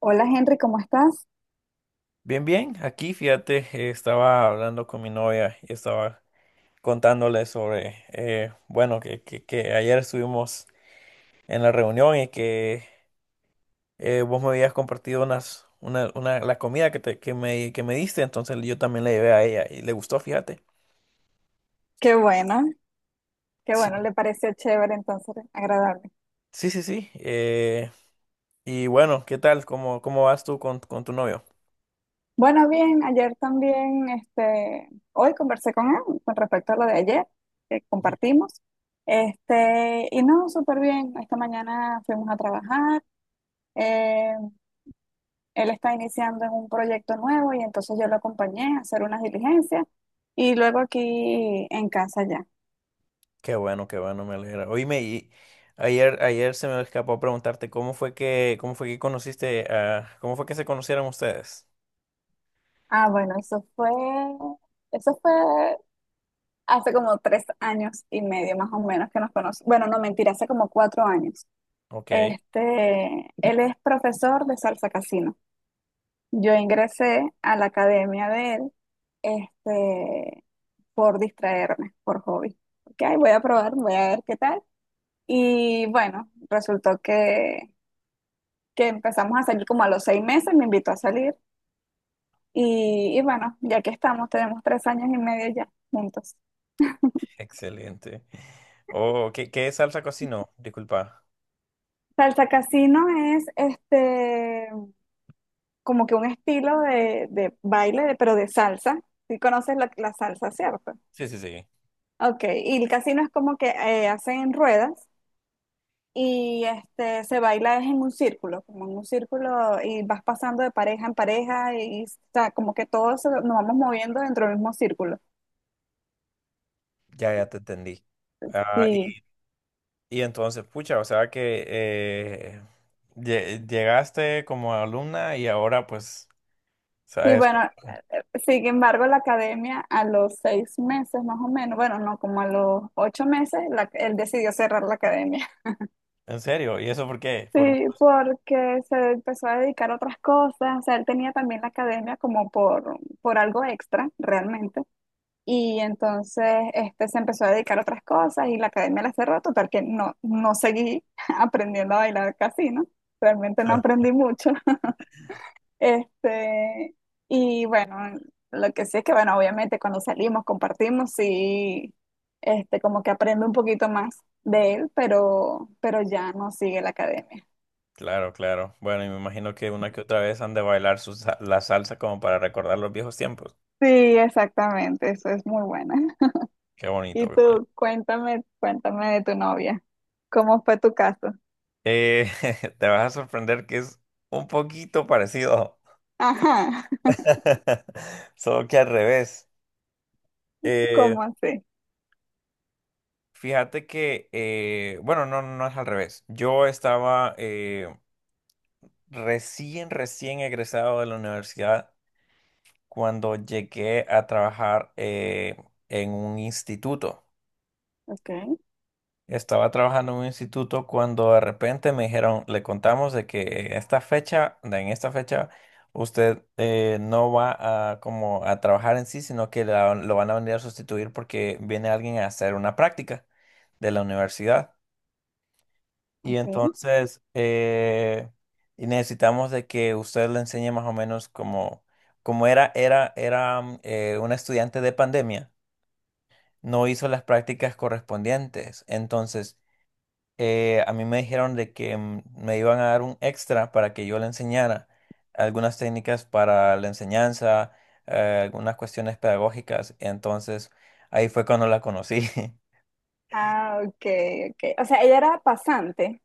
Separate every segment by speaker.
Speaker 1: Hola Henry, ¿cómo estás?
Speaker 2: Bien, bien, aquí fíjate, estaba hablando con mi novia y estaba contándole sobre, bueno, que ayer estuvimos en la reunión y que vos me habías compartido una, la comida que me diste, entonces yo también la llevé a ella y le gustó, fíjate.
Speaker 1: Qué bueno, qué
Speaker 2: Sí.
Speaker 1: bueno, le pareció chévere, entonces agradable.
Speaker 2: Sí, sí, sí. Y bueno, ¿qué tal? ¿Cómo vas tú con tu novio?
Speaker 1: Bueno, bien, ayer también, este, hoy conversé con él con respecto a lo de ayer que compartimos. Este, y no, súper bien. Esta mañana fuimos a trabajar. eh, Él está iniciando en un proyecto nuevo y entonces yo lo acompañé a hacer unas diligencias y luego aquí en casa ya.
Speaker 2: Qué bueno, me alegra. Oíme, y ayer se me escapó preguntarte cómo fue que conociste a, cómo fue que se conocieron ustedes.
Speaker 1: Ah, bueno, eso fue hace como tres años y medio más o menos que nos conocemos. Bueno, no, mentira, hace como 4 años.
Speaker 2: Ok,
Speaker 1: Este, él es profesor de salsa casino. Yo ingresé a la academia de él, este, por distraerme, por hobby. Ok, voy a probar, voy a ver qué tal. Y bueno, resultó que empezamos a salir como a los 6 meses, me invitó a salir. Y bueno, ya que estamos, tenemos 3 años y medio ya juntos.
Speaker 2: excelente. Oh, ¿qué, qué salsa cocinó? Disculpa.
Speaker 1: Salsa Casino es este, como que un estilo de baile, pero de salsa. Si conoces la salsa, ¿cierto?
Speaker 2: Sí, sí, sí.
Speaker 1: Ok, y el casino es como que hacen ruedas y este, se baila es en un círculo, como en un círculo y vas pasando de pareja en pareja y, o sea, como que todos nos vamos moviendo dentro del mismo círculo.
Speaker 2: Ya, ya te entendí. Ah,
Speaker 1: Sí,
Speaker 2: y entonces, pucha, o sea que llegaste como alumna y ahora pues, o
Speaker 1: sí,
Speaker 2: sea,
Speaker 1: bueno,
Speaker 2: eso,
Speaker 1: sin embargo, la academia a los seis meses más o menos, bueno, no, como a los 8 meses, él decidió cerrar la academia.
Speaker 2: en serio, ¿y eso por qué?
Speaker 1: Sí, porque se empezó a dedicar a otras cosas, o sea, él tenía también la academia como por algo extra, realmente, y entonces este, se empezó a dedicar a otras cosas y la academia la cerró, total que no, no seguí aprendiendo a bailar casino, realmente no aprendí mucho, este, y bueno, lo que sí es que, bueno, obviamente cuando salimos, compartimos, sí, este, como que aprendo un poquito más de él, pero ya no sigue la academia.
Speaker 2: Claro, claro. Bueno, y me imagino que una que otra vez han de bailar la salsa como para recordar los viejos tiempos.
Speaker 1: Sí, exactamente, eso es muy buena.
Speaker 2: Qué bonito,
Speaker 1: Y
Speaker 2: qué bonito.
Speaker 1: tú, cuéntame, cuéntame de tu novia. ¿Cómo fue tu caso?
Speaker 2: Eh, te vas a sorprender que es un poquito parecido,
Speaker 1: Ajá,
Speaker 2: solo que al revés. Eh,
Speaker 1: ¿cómo así?
Speaker 2: fíjate que, bueno, no, no es al revés. Yo estaba recién egresado de la universidad cuando llegué a trabajar en un instituto.
Speaker 1: Ok,
Speaker 2: Estaba trabajando en un instituto cuando de repente me dijeron, le contamos de que esta fecha, de en esta fecha, usted no va a como a trabajar en sí, sino que lo van a venir a sustituir porque viene alguien a hacer una práctica de la universidad. Y
Speaker 1: ok.
Speaker 2: entonces eh, y necesitamos de que usted le enseñe más o menos como, como era, una estudiante de pandemia, no hizo las prácticas correspondientes. Entonces a mí me dijeron de que me iban a dar un extra para que yo le enseñara algunas técnicas para la enseñanza, algunas cuestiones pedagógicas. Entonces, ahí fue cuando la conocí.
Speaker 1: Ah, ok, ok. O sea, ella era pasante.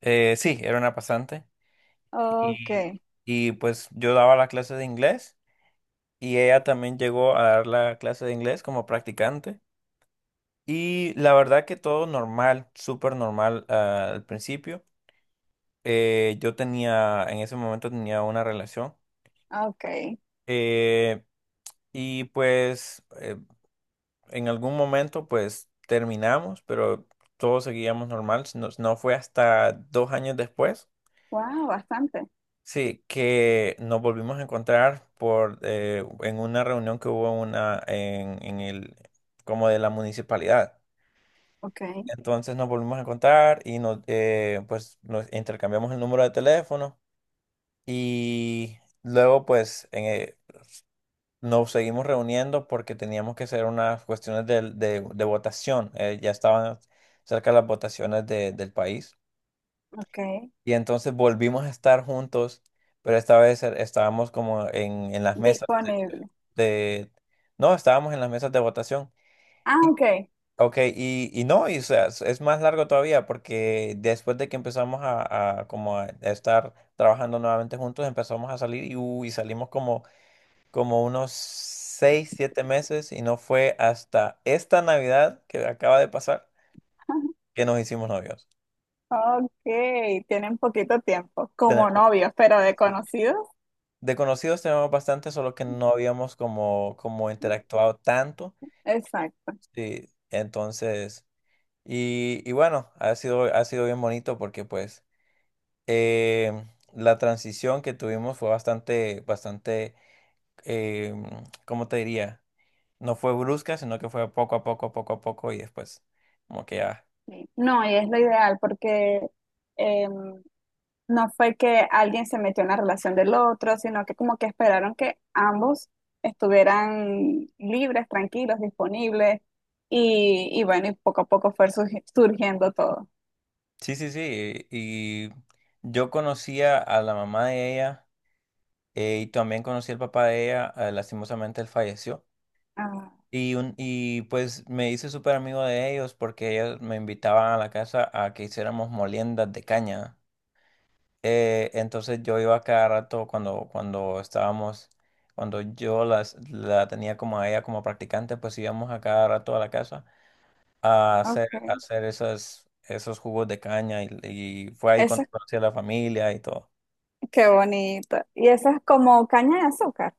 Speaker 2: Sí, era una pasante.
Speaker 1: Ok,
Speaker 2: Y, y pues yo daba la clase de inglés y ella también llegó a dar la clase de inglés como practicante. Y la verdad que todo normal, súper normal, ah, al principio. Yo tenía, en ese momento tenía una relación.
Speaker 1: ok.
Speaker 2: Eh, Y pues eh, en algún momento pues terminamos, pero todos seguíamos normal. No, no fue hasta dos años después,
Speaker 1: Wow, bastante.
Speaker 2: sí, que nos volvimos a encontrar por en una reunión que hubo una en el como de la municipalidad.
Speaker 1: Ok,
Speaker 2: Entonces nos volvimos a encontrar y nos pues nos intercambiamos el número de teléfono y luego nos seguimos reuniendo porque teníamos que hacer unas cuestiones de votación. Ya estaban cerca las votaciones del país.
Speaker 1: ok,
Speaker 2: Y entonces volvimos a estar juntos, pero esta vez estábamos como en las mesas
Speaker 1: disponible.
Speaker 2: de, de- no, estábamos en las mesas de votación.
Speaker 1: Ah,
Speaker 2: Y,
Speaker 1: ok.
Speaker 2: ok, y no, y, o sea, es más largo todavía porque después de que empezamos a como a estar trabajando nuevamente juntos, empezamos a salir y, uy, salimos como unos seis, siete meses y no fue hasta esta Navidad que acaba de pasar que nos hicimos novios.
Speaker 1: Ok, tienen poquito tiempo como
Speaker 2: Tenemos,
Speaker 1: novios, pero de conocidos.
Speaker 2: de conocidos tenemos bastante, solo que no habíamos como, como interactuado tanto.
Speaker 1: Exacto.
Speaker 2: Sí, entonces, y bueno, ha sido bien bonito porque pues eh, la transición que tuvimos fue bastante, eh, ¿cómo te diría? No fue brusca, sino que fue poco a poco y después como que ya.
Speaker 1: Sí. No, y es lo ideal porque em, no fue que alguien se metió en la relación del otro, sino que como que esperaron que ambos estuvieran libres, tranquilos, disponibles y bueno, y poco a poco fue surgiendo todo.
Speaker 2: Sí, sí, sí. Y yo conocía a la mamá de ella y también conocí al papá de ella. Lastimosamente él falleció.
Speaker 1: Ah,
Speaker 2: Y pues me hice súper amigo de ellos porque ellos me invitaban a la casa a que hiciéramos moliendas de caña. Entonces yo iba cada rato cuando estábamos, cuando yo la tenía como a ella como practicante, pues íbamos a cada rato a la casa a
Speaker 1: ok.
Speaker 2: hacer esos jugos de caña y fue ahí
Speaker 1: Eso
Speaker 2: cuando
Speaker 1: es,
Speaker 2: conocí a la familia y todo.
Speaker 1: qué bonito. Y eso es como caña de azúcar.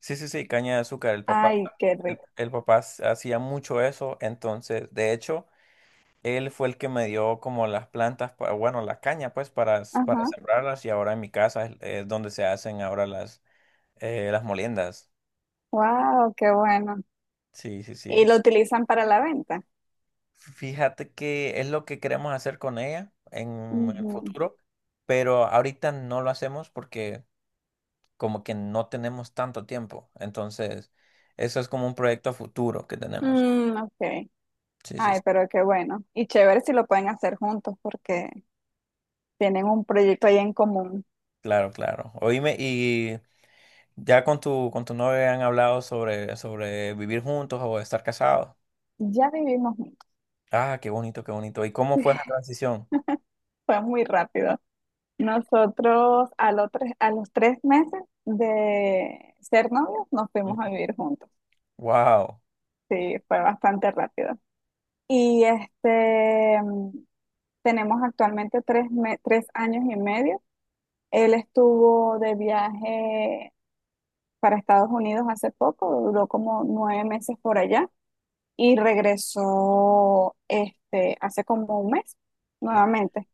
Speaker 2: Sí, sí, sí, caña de azúcar. El papá,
Speaker 1: Ay, qué rico.
Speaker 2: el papá hacía mucho eso, entonces, de hecho, él fue el que me dio como las plantas, bueno, la caña, pues, para, para
Speaker 1: Ajá.
Speaker 2: sembrarlas y ahora en mi casa es donde se hacen ahora las moliendas.
Speaker 1: Wow, qué bueno.
Speaker 2: Sí, sí,
Speaker 1: Y
Speaker 2: sí.
Speaker 1: lo utilizan para la venta.
Speaker 2: Fíjate que es lo que queremos hacer con ella en el
Speaker 1: Ujú.
Speaker 2: futuro, pero ahorita no lo hacemos porque como que no tenemos tanto tiempo. Entonces, eso es como un proyecto a futuro que tenemos.
Speaker 1: Mm, ok.
Speaker 2: Sí, sí, sí.
Speaker 1: Ay, pero qué bueno. Y chévere si lo pueden hacer juntos porque tienen un proyecto ahí en común.
Speaker 2: Claro, claro. Oíme, y ya con tu novia han hablado sobre, sobre vivir juntos o estar casados.
Speaker 1: Ya vivimos juntos.
Speaker 2: Ah, qué bonito, qué bonito. ¿Y cómo fue esa transición?
Speaker 1: Fue muy rápido. Nosotros a los tres meses de ser novios nos fuimos a vivir juntos.
Speaker 2: Wow,
Speaker 1: Sí, fue bastante rápido. Y este, tenemos actualmente tres años y medio. Él estuvo de viaje para Estados Unidos hace poco, duró como 9 meses por allá y regresó este, hace como un mes nuevamente.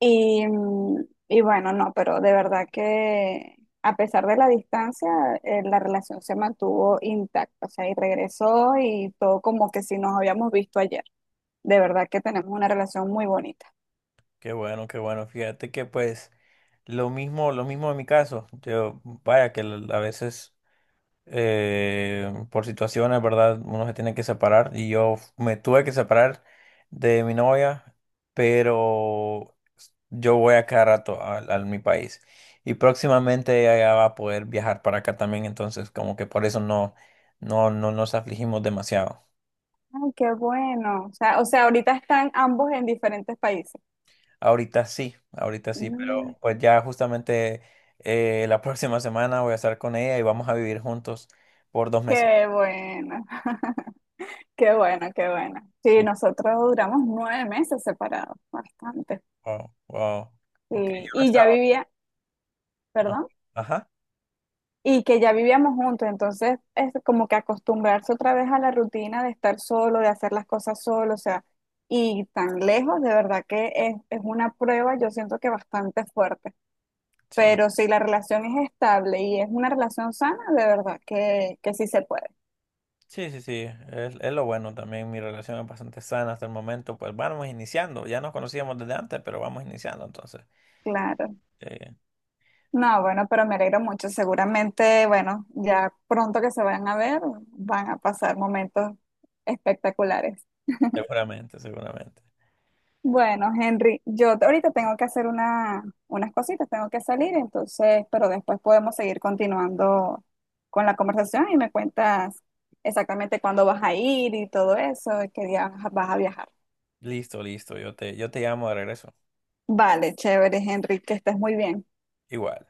Speaker 1: Y, y bueno, no, pero de verdad que a pesar de la distancia, la relación se mantuvo intacta, o sea, y regresó y todo como que si nos habíamos visto ayer. De verdad que tenemos una relación muy bonita.
Speaker 2: qué bueno, qué bueno. Fíjate que pues lo mismo en mi caso. Yo, vaya, que a veces por situaciones, ¿verdad? Uno se tiene que separar y yo me tuve que separar de mi novia, pero yo voy a cada rato a mi país y próximamente ella va a poder viajar para acá también, entonces como que por eso no, no, no nos afligimos demasiado.
Speaker 1: Ay, qué bueno. O sea, ahorita están ambos en diferentes países.
Speaker 2: Ahorita sí,
Speaker 1: Mm,
Speaker 2: pero pues ya justamente la próxima semana voy a estar con ella y vamos a vivir juntos por dos meses.
Speaker 1: qué bueno, qué bueno, qué bueno. Sí,
Speaker 2: Sí,
Speaker 1: nosotros duramos 9 meses separados, bastante.
Speaker 2: wow, wow. Ok, yo
Speaker 1: Sí,
Speaker 2: no
Speaker 1: y ya
Speaker 2: estaba.
Speaker 1: vivía,
Speaker 2: Ah,
Speaker 1: perdón.
Speaker 2: ajá,
Speaker 1: Y que ya vivíamos juntos, entonces es como que acostumbrarse otra vez a la rutina de estar solo, de hacer las cosas solo, o sea, y tan lejos, de verdad que es, una prueba, yo siento que bastante fuerte,
Speaker 2: sí,
Speaker 1: pero si la relación es estable y es una relación sana, de verdad que sí se puede,
Speaker 2: sí, sí, sí, es lo bueno también, mi relación es bastante sana hasta el momento, pues vamos iniciando, ya nos conocíamos desde antes, pero vamos iniciando entonces,
Speaker 1: claro.
Speaker 2: eh,
Speaker 1: No, bueno, pero me alegro mucho, seguramente, bueno, ya pronto que se vayan a ver, van a pasar momentos espectaculares.
Speaker 2: seguramente, seguramente.
Speaker 1: Bueno, Henry, ahorita tengo que hacer unas cositas, tengo que salir, entonces, pero después podemos seguir continuando con la conversación y me cuentas exactamente cuándo vas a ir y todo eso, y qué día vas a viajar.
Speaker 2: Listo, listo, yo te llamo de regreso,
Speaker 1: Vale, chévere, Henry, que estés muy bien.
Speaker 2: igual.